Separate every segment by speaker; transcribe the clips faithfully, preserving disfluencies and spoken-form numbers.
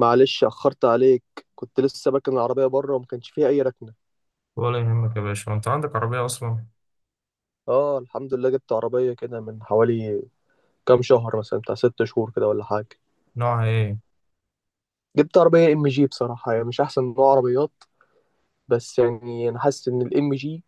Speaker 1: معلش أخرت عليك. كنت لسه باكن العربية بره وما كانش فيها أي ركنة.
Speaker 2: ولا يهمك يا باشا. انت عندك عربية اصلا؟
Speaker 1: اه، الحمد لله، جبت عربية كده من حوالي كام شهر، مثلا بتاع ست شهور كده ولا حاجة.
Speaker 2: نوعها ايه؟
Speaker 1: جبت عربية ام جي، بصراحة يعني مش أحسن نوع عربيات، بس يعني أنا حاسس إن الام جي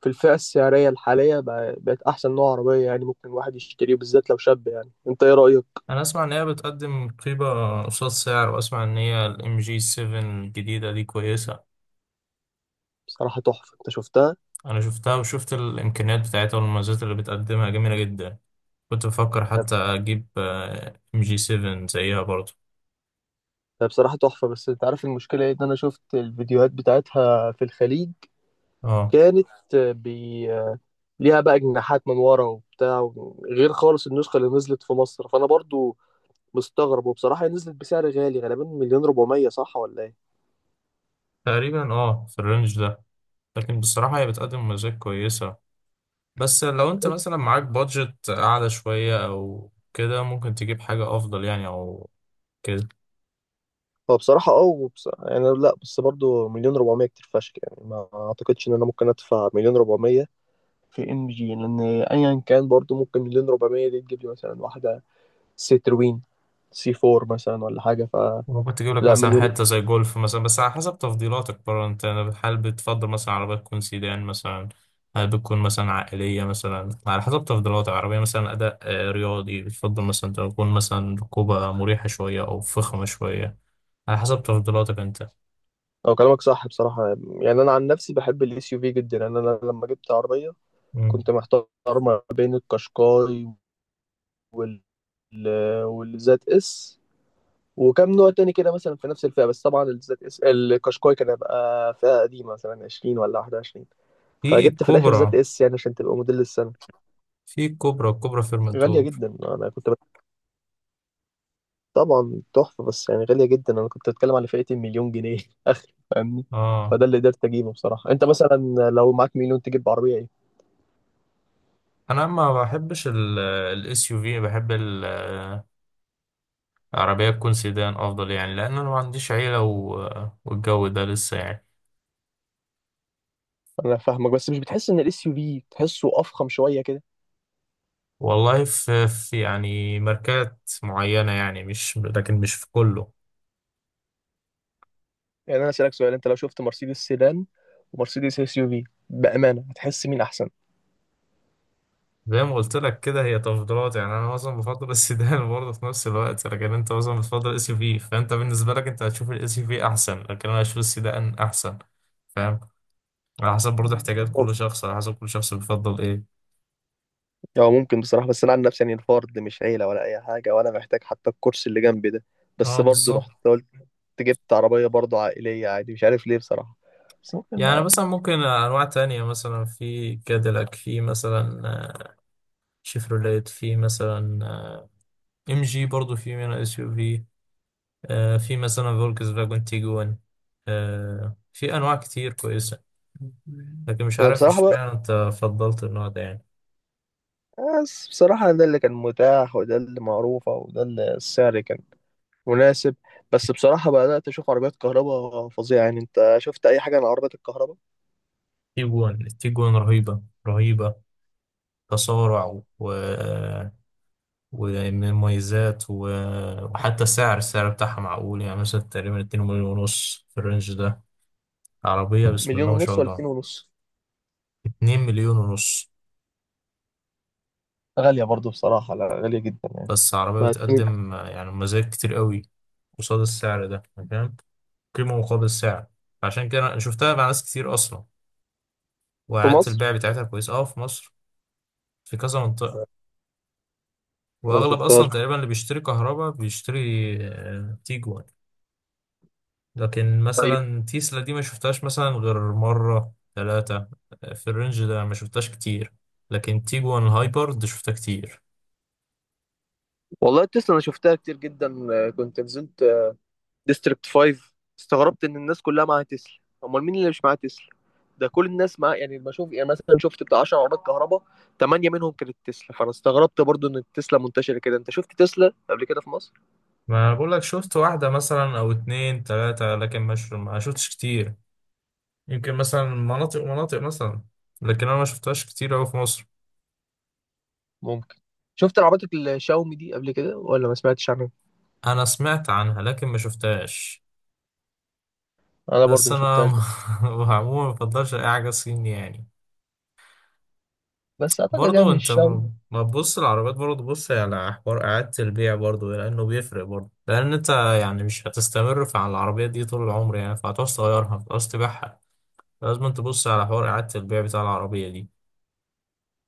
Speaker 1: في الفئة السعرية الحالية بقى- بقت أحسن نوع عربية، يعني ممكن الواحد يشتريه بالذات لو شاب. يعني أنت إيه رأيك؟
Speaker 2: انا اسمع ان هي بتقدم قيمة قصاد سعر، واسمع ان هي الام جي سبعة الجديدة دي كويسة.
Speaker 1: بصراحة تحفة، أنت شفتها؟
Speaker 2: انا شفتها وشفت الامكانيات بتاعتها، والمميزات اللي بتقدمها جميلة جدا. كنت بفكر حتى اجيب ام جي سبعة زيها برضو.
Speaker 1: هي بصراحة تحفة، بس أنت عارف المشكلة إيه؟ إن أنا شفت الفيديوهات بتاعتها في الخليج،
Speaker 2: اه،
Speaker 1: كانت بي، ليها بقى جناحات من ورا وبتاع و- غير خالص النسخة اللي نزلت في مصر، فأنا برضو مستغرب. وبصراحة هي نزلت بسعر غالي، غالبا مليون ربعمية، صح ولا إيه؟
Speaker 2: تقريبا اه في الرينج ده. لكن بصراحة هي بتقدم مميزات كويسة. بس لو انت مثلا معاك بادجت اعلى شوية او كده، ممكن تجيب حاجة افضل يعني او كده.
Speaker 1: فبصراحة أه وبص... يعني لا، بس برضو مليون ربعمية كتير فشخ، يعني ما أعتقدش إن أنا ممكن أدفع مليون ربعمية في إم جي، لأن أيا كان برضو ممكن مليون ربعمية دي تجيب لي مثلا واحدة سيتروين سي أربعة مثلا ولا حاجة، فلا.
Speaker 2: ممكن تجيب لك مثلا
Speaker 1: مليون.
Speaker 2: حتة زي جولف مثلا، بس على حسب تفضيلاتك برضه. انت هل بتفضل مثلا عربية تكون سيدان مثلا؟ هل بتكون مثلا عائلية مثلا؟ على حسب تفضيلاتك، عربية مثلا أداء آه، رياضي، بتفضل مثلا تكون مثلا ركوبة مريحة شوية أو فخمة شوية. على حسب تفضيلاتك انت.
Speaker 1: أو كلامك صح بصراحة. يعني أنا عن نفسي بحب الإس يو في جدا. يعني أنا لما جبت عربية
Speaker 2: مم.
Speaker 1: كنت محتار ما بين القشقاي وال والزد اس وكم نوع تاني كده، مثلا في نفس الفئة، بس طبعا الزد اس القشقاي كان هيبقى فئة قديمة، مثلا عشرين ولا واحد وعشرين،
Speaker 2: في
Speaker 1: فجبت في الآخر زد
Speaker 2: الكوبرا،
Speaker 1: اس يعني عشان تبقى موديل السنة.
Speaker 2: في الكوبرا الكوبرا
Speaker 1: غالية
Speaker 2: فيرمنتور.
Speaker 1: جدا، أنا كنت بت... طبعا تحفة، بس يعني غالية جدا، أنا كنت بتكلم على فئة المليون جنيه آخر، فاهمني.
Speaker 2: اه،
Speaker 1: فده اللي قدرت أجيبه بصراحة. أنت مثلا لو معاك مليون تجيب عربية إيه؟
Speaker 2: انا ما بحبش الاس يو في، بحب عربية تكون سيدان أفضل يعني، لأن أنا ما عنديش عيلة و... والجو ده لسه يعني.
Speaker 1: أنا فاهمك، بس مش بتحس إن الإس يو في تحسه أفخم شوية كده؟
Speaker 2: والله في, في يعني ماركات معينة يعني، مش لكن مش في كله.
Speaker 1: يعني انا اسالك سؤال، انت لو شفت مرسيدس سيدان ومرسيدس اس يو في، بامانه هتحس مين احسن؟
Speaker 2: زي ما قلت لك كده، هي تفضيلات يعني. أنا مثلا بفضل السيدان برضه في نفس الوقت، لكن أنت مثلا بتفضل الاس يو في، فأنت بالنسبة لك أنت هتشوف الاس يو في أحسن، لكن أنا هشوف السيدان أحسن. فاهم؟ على حسب برضه احتياجات كل شخص، على حسب كل شخص بيفضل إيه.
Speaker 1: هو ممكن بصراحه، بس انا عن نفسي يعني الفرد، مش عيله ولا اي حاجه، ولا محتاج حتى الكرسي اللي جنبي ده، بس
Speaker 2: أه،
Speaker 1: برضه رحت
Speaker 2: بالظبط.
Speaker 1: قلت جبت عربيه برضه عائليه عادي، مش عارف ليه بصراحه. بس ممكن
Speaker 2: يعني
Speaker 1: بقى.
Speaker 2: مثلا ممكن أنواع تانية، مثلا في كاديلاك، في مثلا شيفروليت، في مثلا آه، ام جي برضو في منها اس يو في، آه، في مثلا فولكس فاجون تيجوان، آه، في انواع كتير كويسه. لكن مش
Speaker 1: انا
Speaker 2: عارف
Speaker 1: بصراحه بقى،
Speaker 2: اشمعنى انت فضلت النوع ده يعني.
Speaker 1: بس بصراحه ده اللي كان متاح، وده اللي معروفه، وده اللي السعر كان مناسب. بس بصراحه بدات اشوف عربيات كهرباء فظيعه، يعني انت شفت اي حاجه عن عربيات الكهرباء؟
Speaker 2: تيجوان التيجوان رهيبه رهيبه. تسارع و ومن مميزات و... وحتى سعر السعر بتاعها معقول، يعني مثلا تقريبا اتنين مليون ونص مليون ونص في الرينج ده. عربية بسم
Speaker 1: مليون
Speaker 2: الله ما شاء
Speaker 1: ونص ولا اتنين
Speaker 2: الله.
Speaker 1: ونص؟
Speaker 2: اتنين مليون ونص مليون ونص.
Speaker 1: غالية برضو بصراحة، لا غالية جدا يعني.
Speaker 2: بس عربية
Speaker 1: ما هتكون
Speaker 2: بتقدم آه، يعني مزايا كتير قوي قصاد السعر ده، يعني فاهم، قيمة مقابل سعر. فعشان كده أنا شفتها مع ناس كتير أصلا،
Speaker 1: في
Speaker 2: وإعادة
Speaker 1: مصر.
Speaker 2: البيع بتاعتها كويسة أه في مصر، في كذا منطقة.
Speaker 1: انا ما
Speaker 2: وأغلب
Speaker 1: شفتهاش.
Speaker 2: أصلا تقريبا اللي بيشتري كهرباء بيشتري آه، تيجوان. لكن
Speaker 1: طيب.
Speaker 2: مثلا تيسلا دي ما شفتهاش مثلا غير مرة ثلاثة، في الرينج ده ما شفتهاش كتير. لكن تيجوان الهايبر دي شفتها كتير.
Speaker 1: والله تسلا انا شفتها كتير جدا، آه، كنت نزلت آه، ديستريكت خمس، استغربت ان الناس كلها معاها تسلا، امال مين اللي مش معاه تسلا؟ ده كل الناس معاه، يعني بشوف يعني مثلا شفت بتاع عشرة عربيات كهرباء، تمانية منهم كانت تسلا، فانا استغربت برضو ان التسلا منتشره كده. انت شفت تسلا قبل كده في مصر؟
Speaker 2: ما بقول لك، شفت واحدة مثلا أو اتنين تلاتة، لكن مش، ما شفتش كتير. يمكن مثلا مناطق ومناطق مثلا، لكن أنا ما شفتهاش كتير أوي في مصر.
Speaker 1: ممكن. شفت العربيات الشاومي دي قبل كده ولا ما سمعتش عنها؟
Speaker 2: أنا سمعت عنها لكن ما شفتهاش.
Speaker 1: أنا برضو
Speaker 2: بس
Speaker 1: ما
Speaker 2: أنا
Speaker 1: شفتهاش، بس
Speaker 2: م- عموما ما بفضلش أي حاجة صيني يعني.
Speaker 1: بس أعتقد
Speaker 2: برضو
Speaker 1: يعني
Speaker 2: أنت
Speaker 1: الشاومي.
Speaker 2: م- ما تبص العربيات، برضو بص على حوار إعادة البيع، برضو لأنه بيفرق، برضو لأن أنت يعني مش هتستمر في على العربية دي طول العمر يعني. فهتعوز تغيرها، هتعوز تبيعها. لازم تبص على حوار إعادة البيع بتاع العربية دي.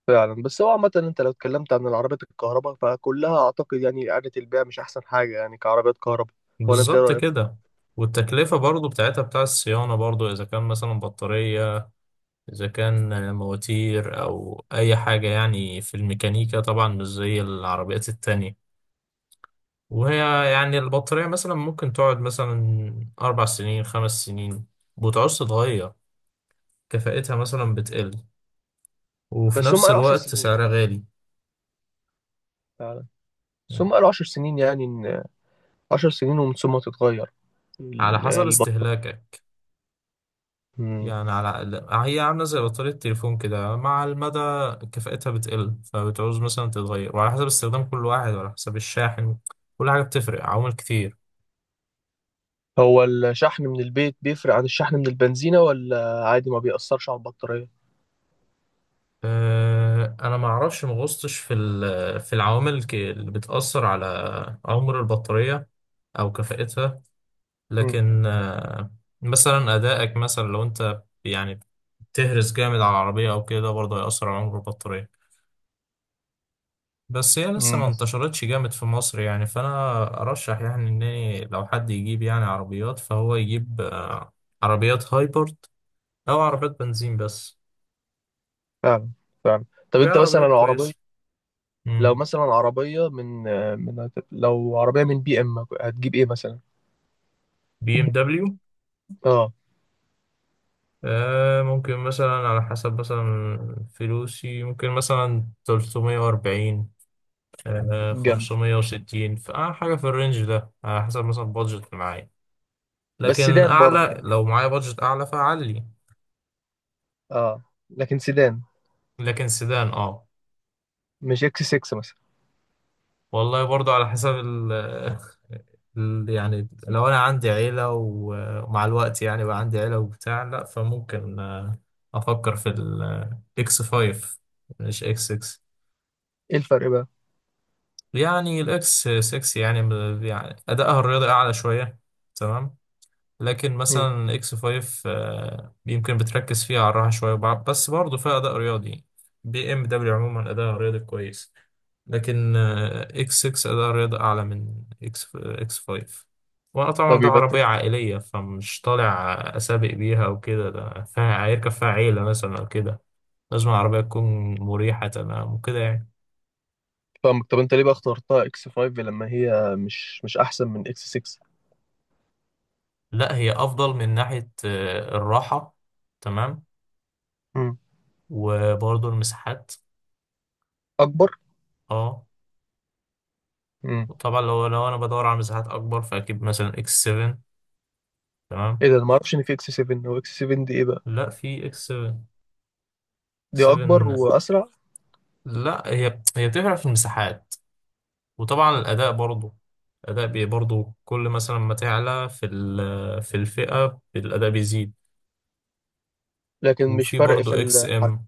Speaker 1: فعلا. بس هو عامة انت لو اتكلمت عن العربيات الكهرباء فكلها اعتقد يعني اعادة البيع مش احسن حاجة، يعني كعربيات كهرباء. ولا انت ايه
Speaker 2: بالظبط
Speaker 1: رأيك؟
Speaker 2: كده. والتكلفة برضو بتاعتها، بتاع الصيانة برضو، إذا كان مثلا بطارية، إذا كان مواتير، أو أي حاجة يعني في الميكانيكا. طبعا مش زي العربيات التانية. وهي يعني البطارية مثلا ممكن تقعد مثلا أربع سنين خمس سنين ومبتعوزش تتغير. كفاءتها مثلا بتقل، وفي
Speaker 1: بس هم
Speaker 2: نفس
Speaker 1: قالوا عشرة
Speaker 2: الوقت
Speaker 1: سنين.
Speaker 2: سعرها غالي.
Speaker 1: فعلا. بس هم قالوا عشرة سنين، يعني ان عشر سنين ومن ثم تتغير
Speaker 2: على
Speaker 1: ال-
Speaker 2: حسب
Speaker 1: البطارية.
Speaker 2: استهلاكك.
Speaker 1: مم.
Speaker 2: يعني على هي عاملة زي بطارية التليفون كده. مع المدى كفاءتها بتقل، فبتعوز مثلا تتغير. وعلى حسب استخدام كل واحد، وعلى حسب الشاحن، كل حاجة بتفرق، عوامل كتير.
Speaker 1: هو الشحن من البيت بيفرق عن الشحن من البنزينة، ولا عادي ما بيأثرش على البطارية؟
Speaker 2: أه، انا ما اعرفش، ما غصتش في ال- في العوامل الك- اللي بتأثر على عمر البطارية او كفاءتها.
Speaker 1: مم.
Speaker 2: لكن أه، مثلا ادائك، مثلا لو انت يعني بتهرس جامد على العربية او كده، برضه هيأثر على عمر البطارية. بس هي لسه
Speaker 1: مم.
Speaker 2: ما
Speaker 1: بس،
Speaker 2: انتشرتش جامد في مصر يعني، فانا ارشح يعني ان لو حد يجيب يعني عربيات، فهو يجيب أه، عربيات هايبرد او عربيات بنزين بس.
Speaker 1: فعلا. فعلا. طب
Speaker 2: في
Speaker 1: انت مثلا
Speaker 2: عربيات
Speaker 1: العربية،
Speaker 2: كويسة.
Speaker 1: لو مثلا عربية من من لو عربية من بي ام، هتجيب ايه مثلا؟
Speaker 2: بي ام دبليو؟
Speaker 1: اه.
Speaker 2: آه، ممكن مثلا على حسب مثلا فلوسي، ممكن مثلا ثلاثمائة وأربعين، آه
Speaker 1: جنب.
Speaker 2: خمسمائة وستين، فحاجة في الرينج ده، على حسب مثلا بادجت اللي معايا.
Speaker 1: بس
Speaker 2: لكن
Speaker 1: سيدان برضه
Speaker 2: أعلى،
Speaker 1: يعني.
Speaker 2: لو معايا بادجت أعلى فأعلي.
Speaker 1: اه. لكن سيدان.
Speaker 2: لكن سيدان، اه.
Speaker 1: مش اكس ستة مثلا؟
Speaker 2: والله برضو على حسب ال ال- يعني لو أنا عندي عيلة و- ومع الوقت يعني بقى عندي عيلة وبتاع، لأ، فممكن آه، أفكر في الإكس خمسة، مش إكس ستة.
Speaker 1: ايه الفرق بقى؟
Speaker 2: يعني الاكس ستة يعني ب- يعني ادائها الرياضي اعلى شويه، تمام. لكن
Speaker 1: مم.
Speaker 2: مثلا الاكس خمسة آه، يمكن بتركز فيها على الراحه شويه، وبع- بس برضه فيها اداء رياضي. بي ام دبليو عموما اداء رياضي كويس، لكن آه، اكس ستة اداء رياضي اعلى من اكس آه، اكس خمسة. وانا طبعا
Speaker 1: طب
Speaker 2: ده
Speaker 1: يبقى
Speaker 2: عربيه
Speaker 1: أنت-
Speaker 2: عائليه، فمش طالع اسابق بيها وكده، ده فيها هيركب فيها عيله مثلا او كده. لازم العربيه تكون مريحه تمام وكده يعني.
Speaker 1: فاهمك. طب انت ليه بقى اخترتها اكس خمسة، لما هي مش مش احسن من اكس ستة؟
Speaker 2: لا، هي افضل من ناحية آه، الراحة، تمام.
Speaker 1: مم.
Speaker 2: وبرضه المساحات.
Speaker 1: اكبر.
Speaker 2: اه.
Speaker 1: مم.
Speaker 2: وطبعا لو لو انا بدور على مساحات اكبر، فاكيد مثلا اكس سبعة، تمام.
Speaker 1: ايه ده، انا ما اعرفش ان في اكس سبعة. هو اكس سبعة دي ايه بقى؟
Speaker 2: لا، في اكس 7
Speaker 1: دي اكبر
Speaker 2: 7
Speaker 1: واسرع؟
Speaker 2: لا، هي هي بتفرق في المساحات، وطبعا الاداء برضه. الاداء بي برضه كل مثلا ما تعلى في ال- في الفئة الاداء بيزيد.
Speaker 1: لكن مش
Speaker 2: وفي
Speaker 1: فرق في
Speaker 2: برضه اكس
Speaker 1: الحركه.
Speaker 2: ام،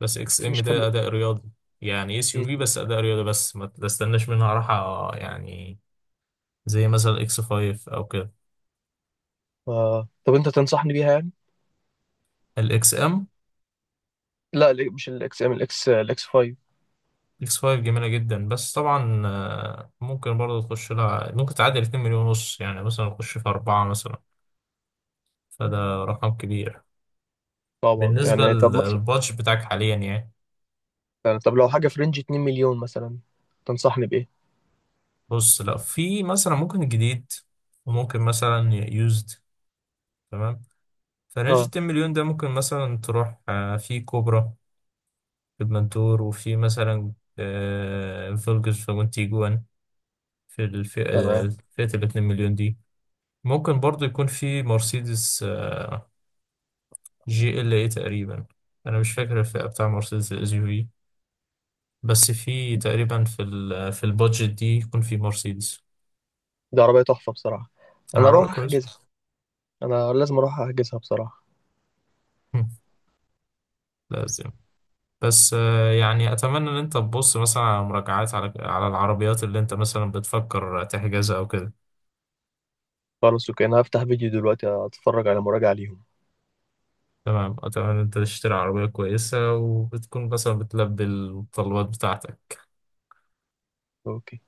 Speaker 2: بس اكس ام
Speaker 1: مش حم...
Speaker 2: ده اداء رياضي، يعني اس يو
Speaker 1: مم.
Speaker 2: في بس اداء رياضي، بس ما تستناش منها راحة يعني، زي مثلا اكس خمسة او كده.
Speaker 1: آه. طب انت تنصحني بيها يعني؟
Speaker 2: الاكس ام،
Speaker 1: لا ال- مش الاكس ام الاكس الاكس خمسة.
Speaker 2: اكس خمسة جميله جدا، بس طبعا آه، ممكن برضه تخش لها ممكن تعدي اتنين مليون ونص، يعني مثلا تخش في اربعه مثلا، فده رقم كبير
Speaker 1: طبعا.
Speaker 2: بالنسبه
Speaker 1: يعني طب مثلا،
Speaker 2: للبادج بتاعك حاليا يعني.
Speaker 1: يعني طب لو حاجه في رينج اثنين مليون مثلا، تنصحني بايه؟
Speaker 2: بص، لا، في مثلا ممكن جديد وممكن مثلا يوزد، تمام. فرنج
Speaker 1: اه.
Speaker 2: اتنين مليون ده ممكن مثلا تروح آه، في كوبرا في المنتور، وفي مثلا آه، فولكس فاجون تيجوان، في الفئة،
Speaker 1: تمام.
Speaker 2: فئة ال اثنين مليون دي. ممكن برضو يكون في مرسيدس آه، جي ال اي تقريبا، انا مش فاكر الفئة بتاع مرسيدس الاس يو في، بس في تقريبا في ال في البادجت دي يكون في مرسيدس.
Speaker 1: دي عربية تحفة بصراحة. أنا
Speaker 2: العربية
Speaker 1: أروح
Speaker 2: كويس.
Speaker 1: أحجزها. أنا لازم أروح أحجزها بصراحة.
Speaker 2: هم، لازم. بس آه، يعني اتمنى ان انت تبص مثلا على مراجعات، على على العربيات اللي انت مثلا بتفكر تحجزها او كده.
Speaker 1: خلاص أوكي، أنا هفتح فيديو دلوقتي أتفرج على مراجعة ليهم.
Speaker 2: تمام، اتمنى ان انت تشتري عربية كويسة وبتكون مثلا بتلبي الطلبات بتاعتك.
Speaker 1: أوكي.